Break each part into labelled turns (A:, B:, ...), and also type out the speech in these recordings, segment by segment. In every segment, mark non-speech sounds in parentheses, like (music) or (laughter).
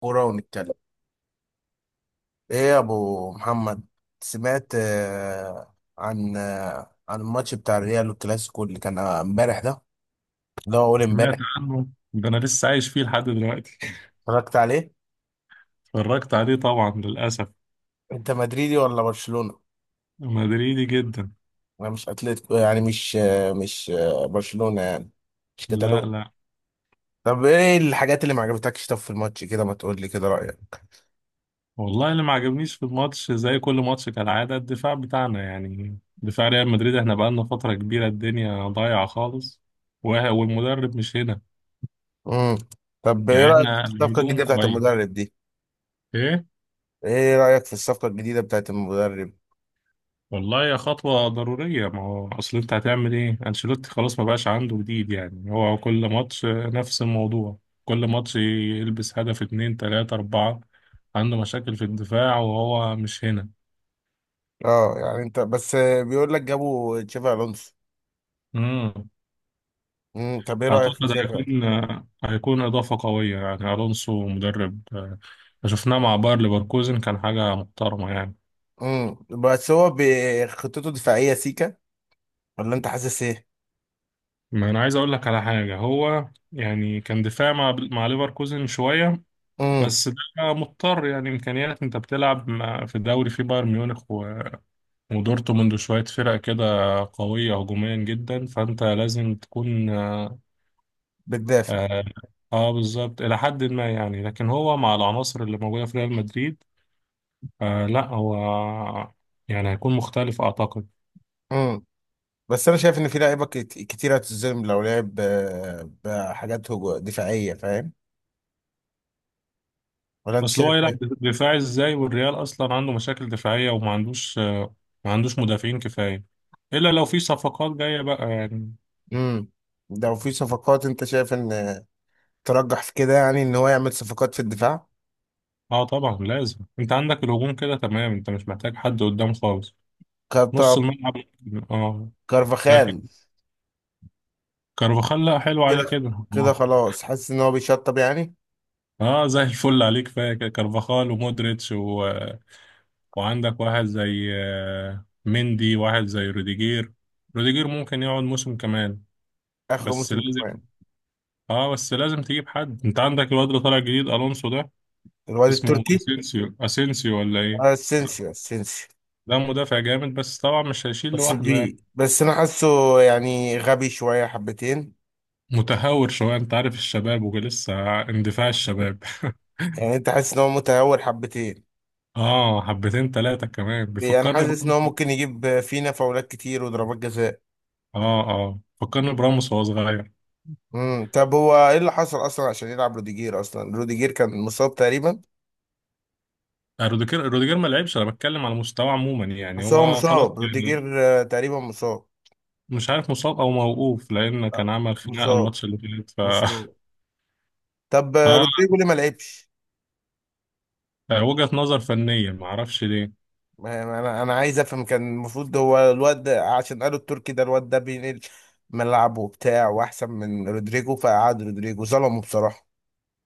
A: كورة ونتكلم. ايه يا ابو محمد؟ سمعت عن عن الماتش بتاع الريال والكلاسيكو اللي كان امبارح ده، اللي هو اول
B: سمعت
A: امبارح.
B: عنه. ده انا لسه عايش فيه لحد دلوقتي. (laughs)
A: اتفرجت عليه.
B: اتفرجت عليه طبعا للاسف.
A: انت مدريدي ولا برشلونة؟
B: مدريدي جدا.
A: انا مش اتلتيكو، يعني مش برشلونة يعني، مش
B: لا،
A: كتالون.
B: لا.
A: طب ايه الحاجات اللي ما عجبتكش طب في الماتش كده؟ ما تقول لي كده رأيك.
B: والله، اللي ما عجبنيش في الماتش زي كل ماتش كالعاده، الدفاع بتاعنا يعني دفاع ريال مدريد، احنا بقالنا فتره كبيره الدنيا ضايعه خالص. والمدرب مش هنا.
A: امم طب ايه
B: يعني
A: رأيك في
B: احنا
A: الصفقة
B: الهجوم
A: الجديدة بتاعت
B: كويس.
A: المدرب دي؟
B: ايه.
A: ايه رأيك في الصفقة الجديدة بتاعت المدرب؟
B: والله يا خطوة ضرورية، ما هو أصل أنت هتعمل إيه؟ أنشيلوتي خلاص ما بقاش عنده جديد، يعني هو كل ماتش نفس الموضوع. كل ماتش يلبس هدف اتنين تلاتة أربعة. عنده مشاكل في الدفاع وهو مش هنا.
A: اه يعني انت بس بيقول لك جابوا تشافي الونسو.
B: مم.
A: طب ايه رأيك في
B: أعتقد
A: شافعي؟
B: هيكون إضافة قوية. يعني ألونسو مدرب، شفناه مع باير ليفركوزن، كان حاجة محترمة يعني.
A: بس هو بخطته دفاعية سيكا، ولا انت حاسس ايه؟
B: ما أنا عايز أقول لك على حاجة، هو يعني كان دفاع مع ليفركوزن شوية.
A: امم.
B: بس ده مضطر يعني، امكانيات، انت بتلعب في دوري فيه بايرن ميونخ ودورتموند وشويه فرق كده قويه هجوميا جدا، فانت لازم تكون
A: بتدافع.
B: آه. بالظبط الى حد ما يعني، لكن هو مع العناصر اللي موجوده في ريال مدريد، آه لا هو يعني هيكون مختلف اعتقد.
A: امم بس انا شايف ان في لعيبة كتيرة هتتظلم لو لعب بحاجات دفاعية، فاهم؟ ولا انت
B: اصل هو
A: شايف
B: يلعب
A: ايه؟
B: دفاعي ازاي والريال اصلا عنده مشاكل دفاعيه وما عندوش، ما عندوش مدافعين كفايه، الا لو في صفقات جايه بقى يعني.
A: امم. لو في صفقات، انت شايف ان ترجح في كده يعني ان هو يعمل صفقات في الدفاع؟
B: اه طبعا لازم، انت عندك الهجوم كده تمام، انت مش محتاج حد قدام خالص. نص
A: كارتا-
B: الملعب. اه. لكن
A: كارفاخال.
B: كارفاخال، لا حلو عليه
A: كده
B: كده.
A: كده
B: اه.
A: خلاص، حاسس ان هو بيشطب يعني.
B: زي الفل عليك كفايه كده. كارفاخال ومودريتش و... وعندك واحد زي مندي، واحد زي روديجير. روديجير ممكن يقعد موسم كمان.
A: اخر
B: بس
A: موسم
B: لازم.
A: كمان.
B: اه بس لازم تجيب حد، انت عندك الواد اللي طالع جديد الونسو ده.
A: الواد
B: اسمه
A: التركي،
B: اسينسيو، اسينسيو ولا ايه؟
A: اسينسيو اسينسيو.
B: ده مدافع جامد، بس طبعا مش هيشيل
A: بس
B: لوحده يعني.
A: بي بس انا حاسه يعني غبي شويه حبتين.
B: متهور شوية، انت عارف الشباب ولسه اندفاع الشباب. (laughs)
A: يعني انت حاسس ان هو متهور حبتين؟
B: اه حبتين تلاتة كمان،
A: انا
B: بيفكرني
A: حاسس ان هو
B: براموس.
A: ممكن يجيب فينا فاولات كتير وضربات جزاء.
B: اه. اه، فكرني براموس وهو صغير.
A: طب هو ايه اللي حصل اصلا عشان يلعب روديجير؟ اصلا روديجير كان مصاب تقريبا.
B: روديجير ما لعبش، انا بتكلم على مستوى عموما، يعني
A: بس هو
B: هو خلاص
A: مصاب
B: يعني.
A: روديجير تقريبا مصاب.
B: مش عارف مصاب او موقوف، لان
A: آه،
B: كان عمل خناقة
A: مصاب.
B: الماتش اللي فات
A: مصاب.
B: (laughs)
A: طب
B: اه،
A: رودريجو ليه ما لعبش؟
B: وجهة نظر فنية ما اعرفش ليه.
A: انا عايز افهم. كان المفروض هو عشان قالوا التركي ده الواد ده بينقل ملعب وبتاع واحسن من رودريجو، فقعد رودريجو، ظلمه بصراحه.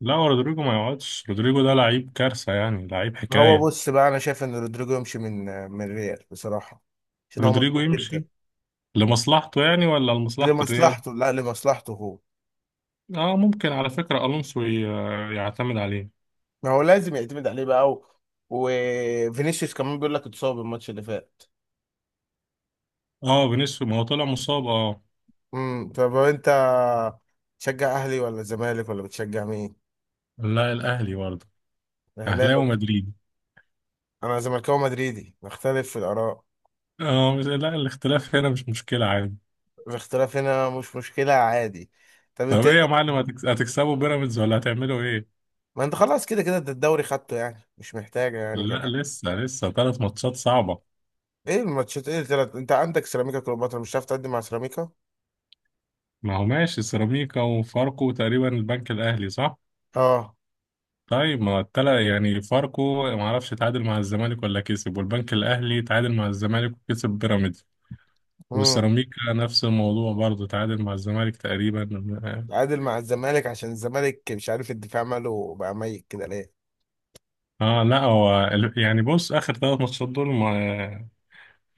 B: لا هو رودريجو ما يقعدش، رودريجو ده لعيب كارثة، يعني لعيب
A: هو
B: حكاية.
A: بص بقى، انا شايف ان رودريجو يمشي من الريال بصراحه، عشان هو
B: رودريجو
A: مظلوم جدا.
B: يمشي لمصلحته يعني ولا لمصلحة الريال؟
A: لمصلحته، لا لمصلحته هو.
B: اه ممكن، على فكرة الونسو يعتمد عليه.
A: ما هو لازم يعتمد عليه بقى و... وفينيسيوس كمان بيقول لك اتصاب الماتش اللي فات.
B: اه فينيسيوس، ما هو طلع مصاب اه.
A: طب هو انت تشجع اهلي ولا زمالك ولا بتشجع مين؟
B: لا الاهلي برضه. اهلاوي
A: اهلاوي.
B: ومدريد.
A: انا زملكاوي مدريدي، نختلف في الاراء.
B: اه لا، الاختلاف هنا مش مشكلة عادي.
A: الاختلاف هنا مش مشكلة، عادي. طب
B: طب
A: انت ايه
B: ايه يا معلم، هتكسبوا بيراميدز ولا هتعملوا ايه؟
A: ما انت خلاص كده كده انت الدوري خدته، يعني مش محتاجة يعني كلام.
B: لا لسه ثلاث ماتشات صعبة.
A: ايه الماتشات؟ ايه التلات؟ انت عندك سيراميكا كليوباترا، مش هتعرف تقدم مع سيراميكا.
B: ما هو ماشي سيراميكا وفاركو تقريبا، البنك الاهلي صح.
A: اه.
B: طيب ما يعني فاركو ما اعرفش تعادل مع الزمالك ولا كسب، والبنك الاهلي تعادل مع الزمالك وكسب بيراميدز،
A: امم.
B: والسيراميكا نفس الموضوع برضه تعادل مع الزمالك تقريبا.
A: تعادل مع الزمالك، عشان الزمالك مش عارف الدفاع ماله بقى ميت كده ليه.
B: اه لا هو يعني بص اخر ثلاث ماتشات دول ما،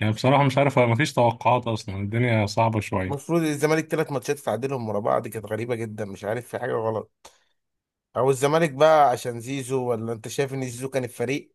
B: يعني بصراحه مش عارف، ما فيش توقعات اصلا، الدنيا صعبه شويه.
A: المفروض الزمالك تلات ماتشات تعادلهم ورا بعض، كانت غريبة جدا، مش عارف في حاجة غلط. او الزمالك بقى عشان زيزو، ولا انت شايف ان زيزو كان الفريق؟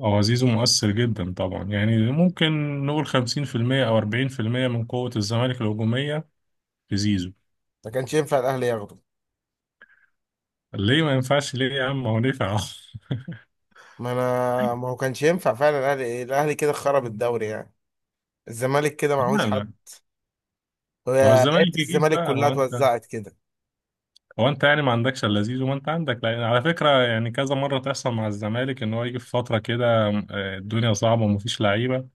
B: هو زيزو مؤثر جدا طبعا، يعني ممكن نقول 50% او 40% من قوه الزمالك الهجوميه في زيزو.
A: ما كانش ينفع الاهلي ياخده؟
B: ليه ما ينفعش، ليه يا عم هو دفع. (laughs)
A: ما انا ما هو كانش ينفع فعلا الاهلي كده خرب الدوري يعني. الزمالك كده
B: لا،
A: معهوش حد.
B: لا.
A: هو
B: ما هو
A: لعيبه
B: الزمالك يجيب
A: الزمالك
B: بقى،
A: كلها
B: هو انت،
A: اتوزعت كده.
B: هو انت يعني ما عندكش الا زيزو، ما انت عندك، لان على فكره يعني كذا مره تحصل مع الزمالك ان هو يجي في فتره كده، الدنيا صعبه ومفيش لعيبه،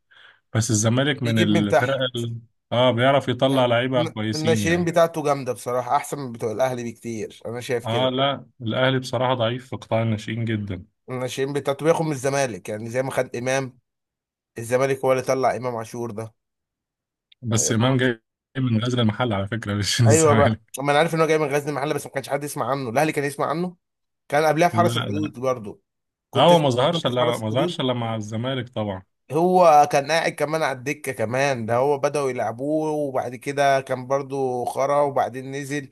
B: بس الزمالك من
A: بيجيب من
B: الفرق
A: تحت.
B: ال... اه بيعرف يطلع
A: يعني
B: لعيبه كويسين
A: الناشئين
B: يعني.
A: بتاعته جامده بصراحه، احسن من بتوع الاهلي بكتير، انا شايف
B: اه
A: كده.
B: لا الاهلي بصراحه ضعيف في قطاع الناشئين جدا.
A: الناشئين بتاعته بياخد من الزمالك، يعني زي ما خد امام. الزمالك هو اللي طلع امام عاشور ده.
B: بس امام جاي من غزل المحل على فكره، (laughs) مش من
A: ايوه بقى،
B: الزمالك.
A: ما انا عارف ان هو جاي من غزل المحله، بس ما كانش حد يسمع عنه، الاهلي كان يسمع عنه. كان قبلها في
B: لا،
A: حرس الحدود
B: لا.
A: برضه،
B: اه
A: كنت
B: هو ما
A: تسمع عنه
B: ظهرش
A: في
B: الا
A: حرس
B: ما ظهرش
A: الحدود.
B: الا مع الزمالك طبعا.
A: هو كان قاعد كمان على الدكة كمان ده، هو بدأوا يلعبوه وبعد كده كان برضو خرا، وبعدين نزل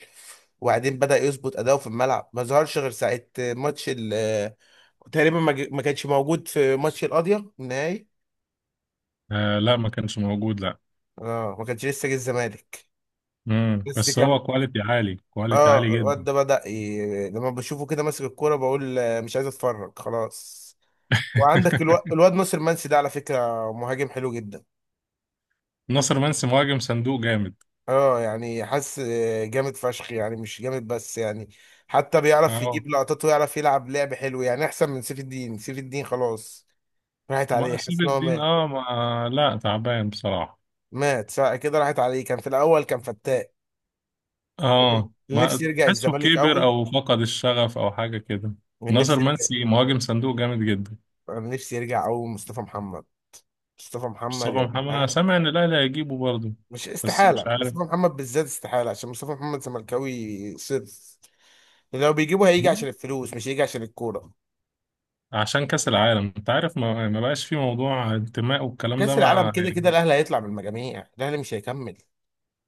A: وبعدين بدأ يظبط أداؤه في الملعب. ما ظهرش غير ساعة ماتش ال تقريبا، ما كانش موجود في ماتش القاضية النهائي.
B: آه لا، ما كانش موجود، لا.
A: اه ما كانش، لسه جه الزمالك. بس
B: بس
A: كان،
B: هو كواليتي عالي، كواليتي
A: اه
B: عالي
A: الواد
B: جدا.
A: ده لما بشوفه كده ماسك الكورة بقول مش عايز اتفرج خلاص. وعندك
B: (laughs)
A: الواد ناصر منسي ده، على فكرة مهاجم حلو جدا.
B: ناصر منسي مهاجم صندوق جامد.
A: اه يعني حاسس جامد فشخ يعني، مش جامد بس يعني، حتى بيعرف
B: اه،
A: يجيب لقطات ويعرف يلعب لعب حلو، يعني احسن من سيف الدين. سيف الدين خلاص راحت
B: ما
A: عليه، حاسس
B: سيب
A: ان هو
B: الدين
A: مات.
B: اه، ما لا، تعبان بصراحة.
A: مات ساعة كده، راحت عليه، كان في الاول كان فتاك. اللي
B: اه،
A: نفسي
B: ما
A: يرجع
B: تحسه
A: الزمالك
B: كبر
A: قوي،
B: او فقد الشغف او حاجة كده.
A: من
B: ناصر
A: نفسي يرجع،
B: منسي مهاجم صندوق جامد جدا.
A: من نفسي يرجع قوي، مصطفى محمد. مصطفى محمد
B: مصطفى
A: يا
B: محمد، انا
A: جدعان.
B: سامع ان الاهلي هيجيبه برضه.
A: مش
B: بس مش
A: استحالة،
B: عارف.
A: مصطفى محمد بالذات استحالة، عشان مصطفى محمد زملكاوي صرف. لو بيجيبه هيجي
B: لا،
A: عشان الفلوس، مش هيجي عشان الكورة.
B: عشان كأس العالم انت عارف، ما, بقاش في موضوع انتماء والكلام ده
A: كأس العالم
B: ما
A: كده كده
B: يعني.
A: الاهلي هيطلع من المجاميع، الاهلي مش هيكمل.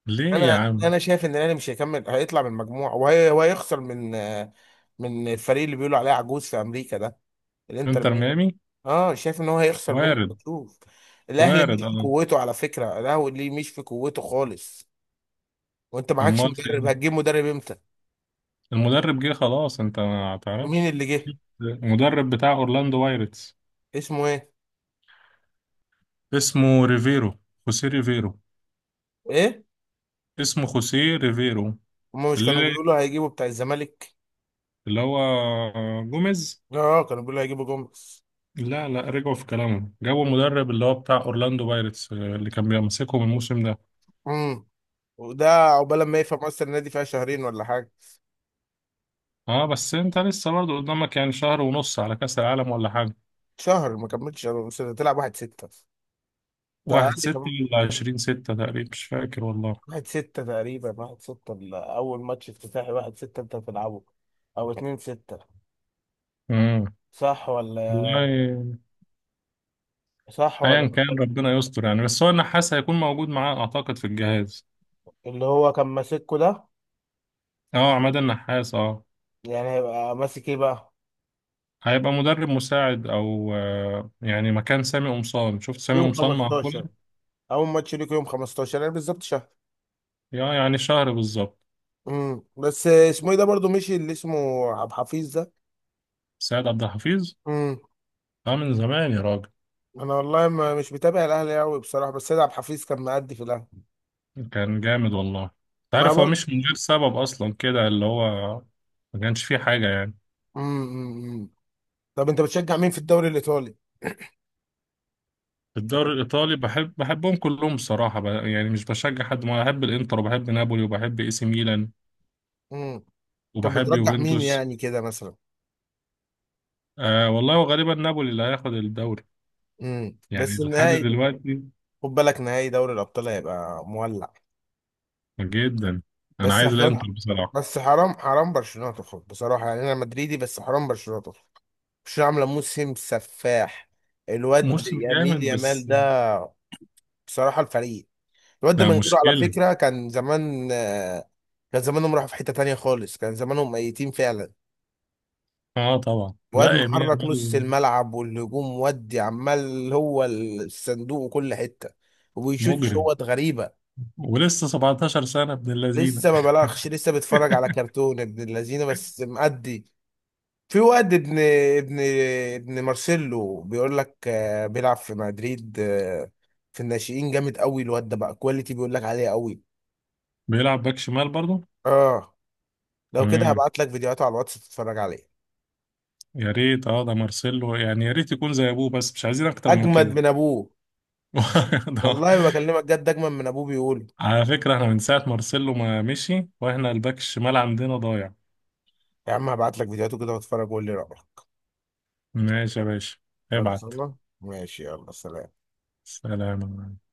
B: ليه يا
A: انا
B: عم.
A: انا شايف ان الاهلي مش هيكمل، هيطلع من المجموعه وهي وهيخسر من من الفريق اللي بيقولوا عليه عجوز في امريكا ده، الانتر
B: انتر
A: ميامي.
B: ميامي.
A: اه شايف ان هو هيخسر منه
B: وارد.
A: مكشوف. الاهلي مش
B: وارد
A: في
B: اه.
A: قوته على فكره، الاهلي مش في قوته خالص. وانت معكش
B: امال في
A: مدرب،
B: إيه؟
A: هتجيب مدرب امتى؟
B: المدرب جه خلاص، انت ما
A: مين
B: تعرفش.
A: اللي جه؟
B: المدرب بتاع اورلاندو بايرتس.
A: اسمه ايه؟
B: اسمه ريفيرو. خوسيه ريفيرو.
A: ايه؟
B: اسمه خوسيه ريفيرو.
A: هما مش
B: اللي
A: كانوا بيقولوا هيجيبوا بتاع الزمالك؟
B: اللي هو جوميز.
A: اه كانوا بيقولوا هيجيبوا جمبس.
B: لا، لا. رجعوا في كلامهم، جابوا مدرب اللي هو بتاع اورلاندو بايرتس اللي كان بيمسكهم الموسم ده.
A: امم. وده عقبال ما يفهم اصلا النادي فيها شهرين ولا حاجه.
B: اه بس انت لسه برضه قدامك يعني شهر ونص على كأس العالم ولا حاجة.
A: شهر ما كملتش شهر، بس تلعب 1/6. انت
B: واحد
A: اقل
B: ستة
A: كمان.
B: ولا عشرين ستة تقريبا، مش فاكر والله.
A: 1/6 تقريبا، 1/6 اول ماتش افتتاحي، 1/6 انت بتلعبه، او 2/6.
B: امم
A: صح ولا
B: والله
A: صح ولا
B: ايا كان
A: بختلف؟
B: ربنا يستر يعني، بس هو النحاس هيكون موجود معاه اعتقد في الجهاز.
A: اللي هو كان ماسكه ده.
B: اه عماد النحاس اه.
A: يعني هيبقى ماسك ايه بقى؟
B: هيبقى مدرب مساعد او يعني مكان سامي قمصان، شفت سامي
A: يوم
B: قمصان مع كولر.
A: 15 اول ماتش ليك، يوم 15 يعني بالظبط شهر.
B: يا يعني شهر بالظبط.
A: بس اسمه ايه ده برضو مشي، اللي اسمه عبد الحفيظ ده؟
B: سيد عبد الحفيظ.
A: امم.
B: اه من زمان يا راجل.
A: انا والله ما مش متابع الاهلي قوي بصراحه، بس سيد عبد الحفيظ كان مأدي في الاهلي.
B: كان جامد والله. انت
A: ما
B: عارف هو
A: برضه.
B: مش من غير سبب اصلا كده، اللي هو ما كانش فيه حاجه يعني.
A: امم. أمم، أمم. طب انت بتشجع مين في الدوري الايطالي؟
B: في
A: طب.
B: الدوري الايطالي بحبهم كلهم بصراحه، يعني مش بشجع حد، ما بحب الانتر وبحب نابولي وبحب اي سي ميلان
A: امم. طب
B: وبحب
A: بترجح مين
B: يوفنتوس.
A: يعني كده مثلا؟
B: والله وغالبا نابولي اللي هياخد الدوري يعني
A: بس
B: لحد
A: النهائي.
B: دلوقتي.
A: خد بالك نهائي دوري الابطال هيبقى مولع.
B: جدا. انا
A: بس
B: عايز
A: هخل...
B: الانتر بصراحه.
A: بس حرام، حرام برشلونه تخرج بصراحه يعني. انا مدريدي بس حرام برشلونه تخرج. برشلونه عامله موسم سفاح. الواد
B: موسم
A: يميل
B: جامد
A: يامال
B: بس.
A: ده. بصراحه الفريق، الواد ده
B: ده
A: من غيره على
B: مشكله.
A: فكره كان زمان كان زمانهم راحوا في حته تانيه خالص، كان زمانهم ميتين فعلا.
B: اه طبعا،
A: واد
B: لا يمين
A: محرك نص
B: يامال
A: الملعب والهجوم ودي، عمال هو الصندوق وكل حتة، وبيشوت
B: مجرم،
A: شوط غريبة.
B: ولسه 17 سنه، ابن اللذينه.
A: لسه ما بلغش، لسه بتفرج
B: (laughs)
A: على كرتون ابن اللذينه، بس مأدي. في واد ابن ابن مارسيلو، بيقول لك بيلعب في مدريد في الناشئين جامد قوي، الواد ده بقى كواليتي بيقول لك عليه قوي.
B: بيلعب باك شمال برضه.
A: اه. لو كده
B: امم
A: هبعت لك فيديوهاته على الواتس تتفرج عليه.
B: يا ريت، ده مارسيلو يعني، يا ريت يكون زي ابوه بس مش عايزين اكتر من
A: اجمد
B: كده.
A: من ابوه،
B: (laughs) ده-
A: والله ما بكلمك جد اجمد من ابوه بيقول.
B: على فكره احنا من ساعه مارسيلو ما مشي واحنا الباك الشمال عندنا ضايع.
A: يا عم هبعت لك فيديوهاته كده، واتفرج وقول لي رأيك.
B: ماشي يا باشا. ابعت.
A: خلصنا. ماشي، يلا سلام.
B: سلام.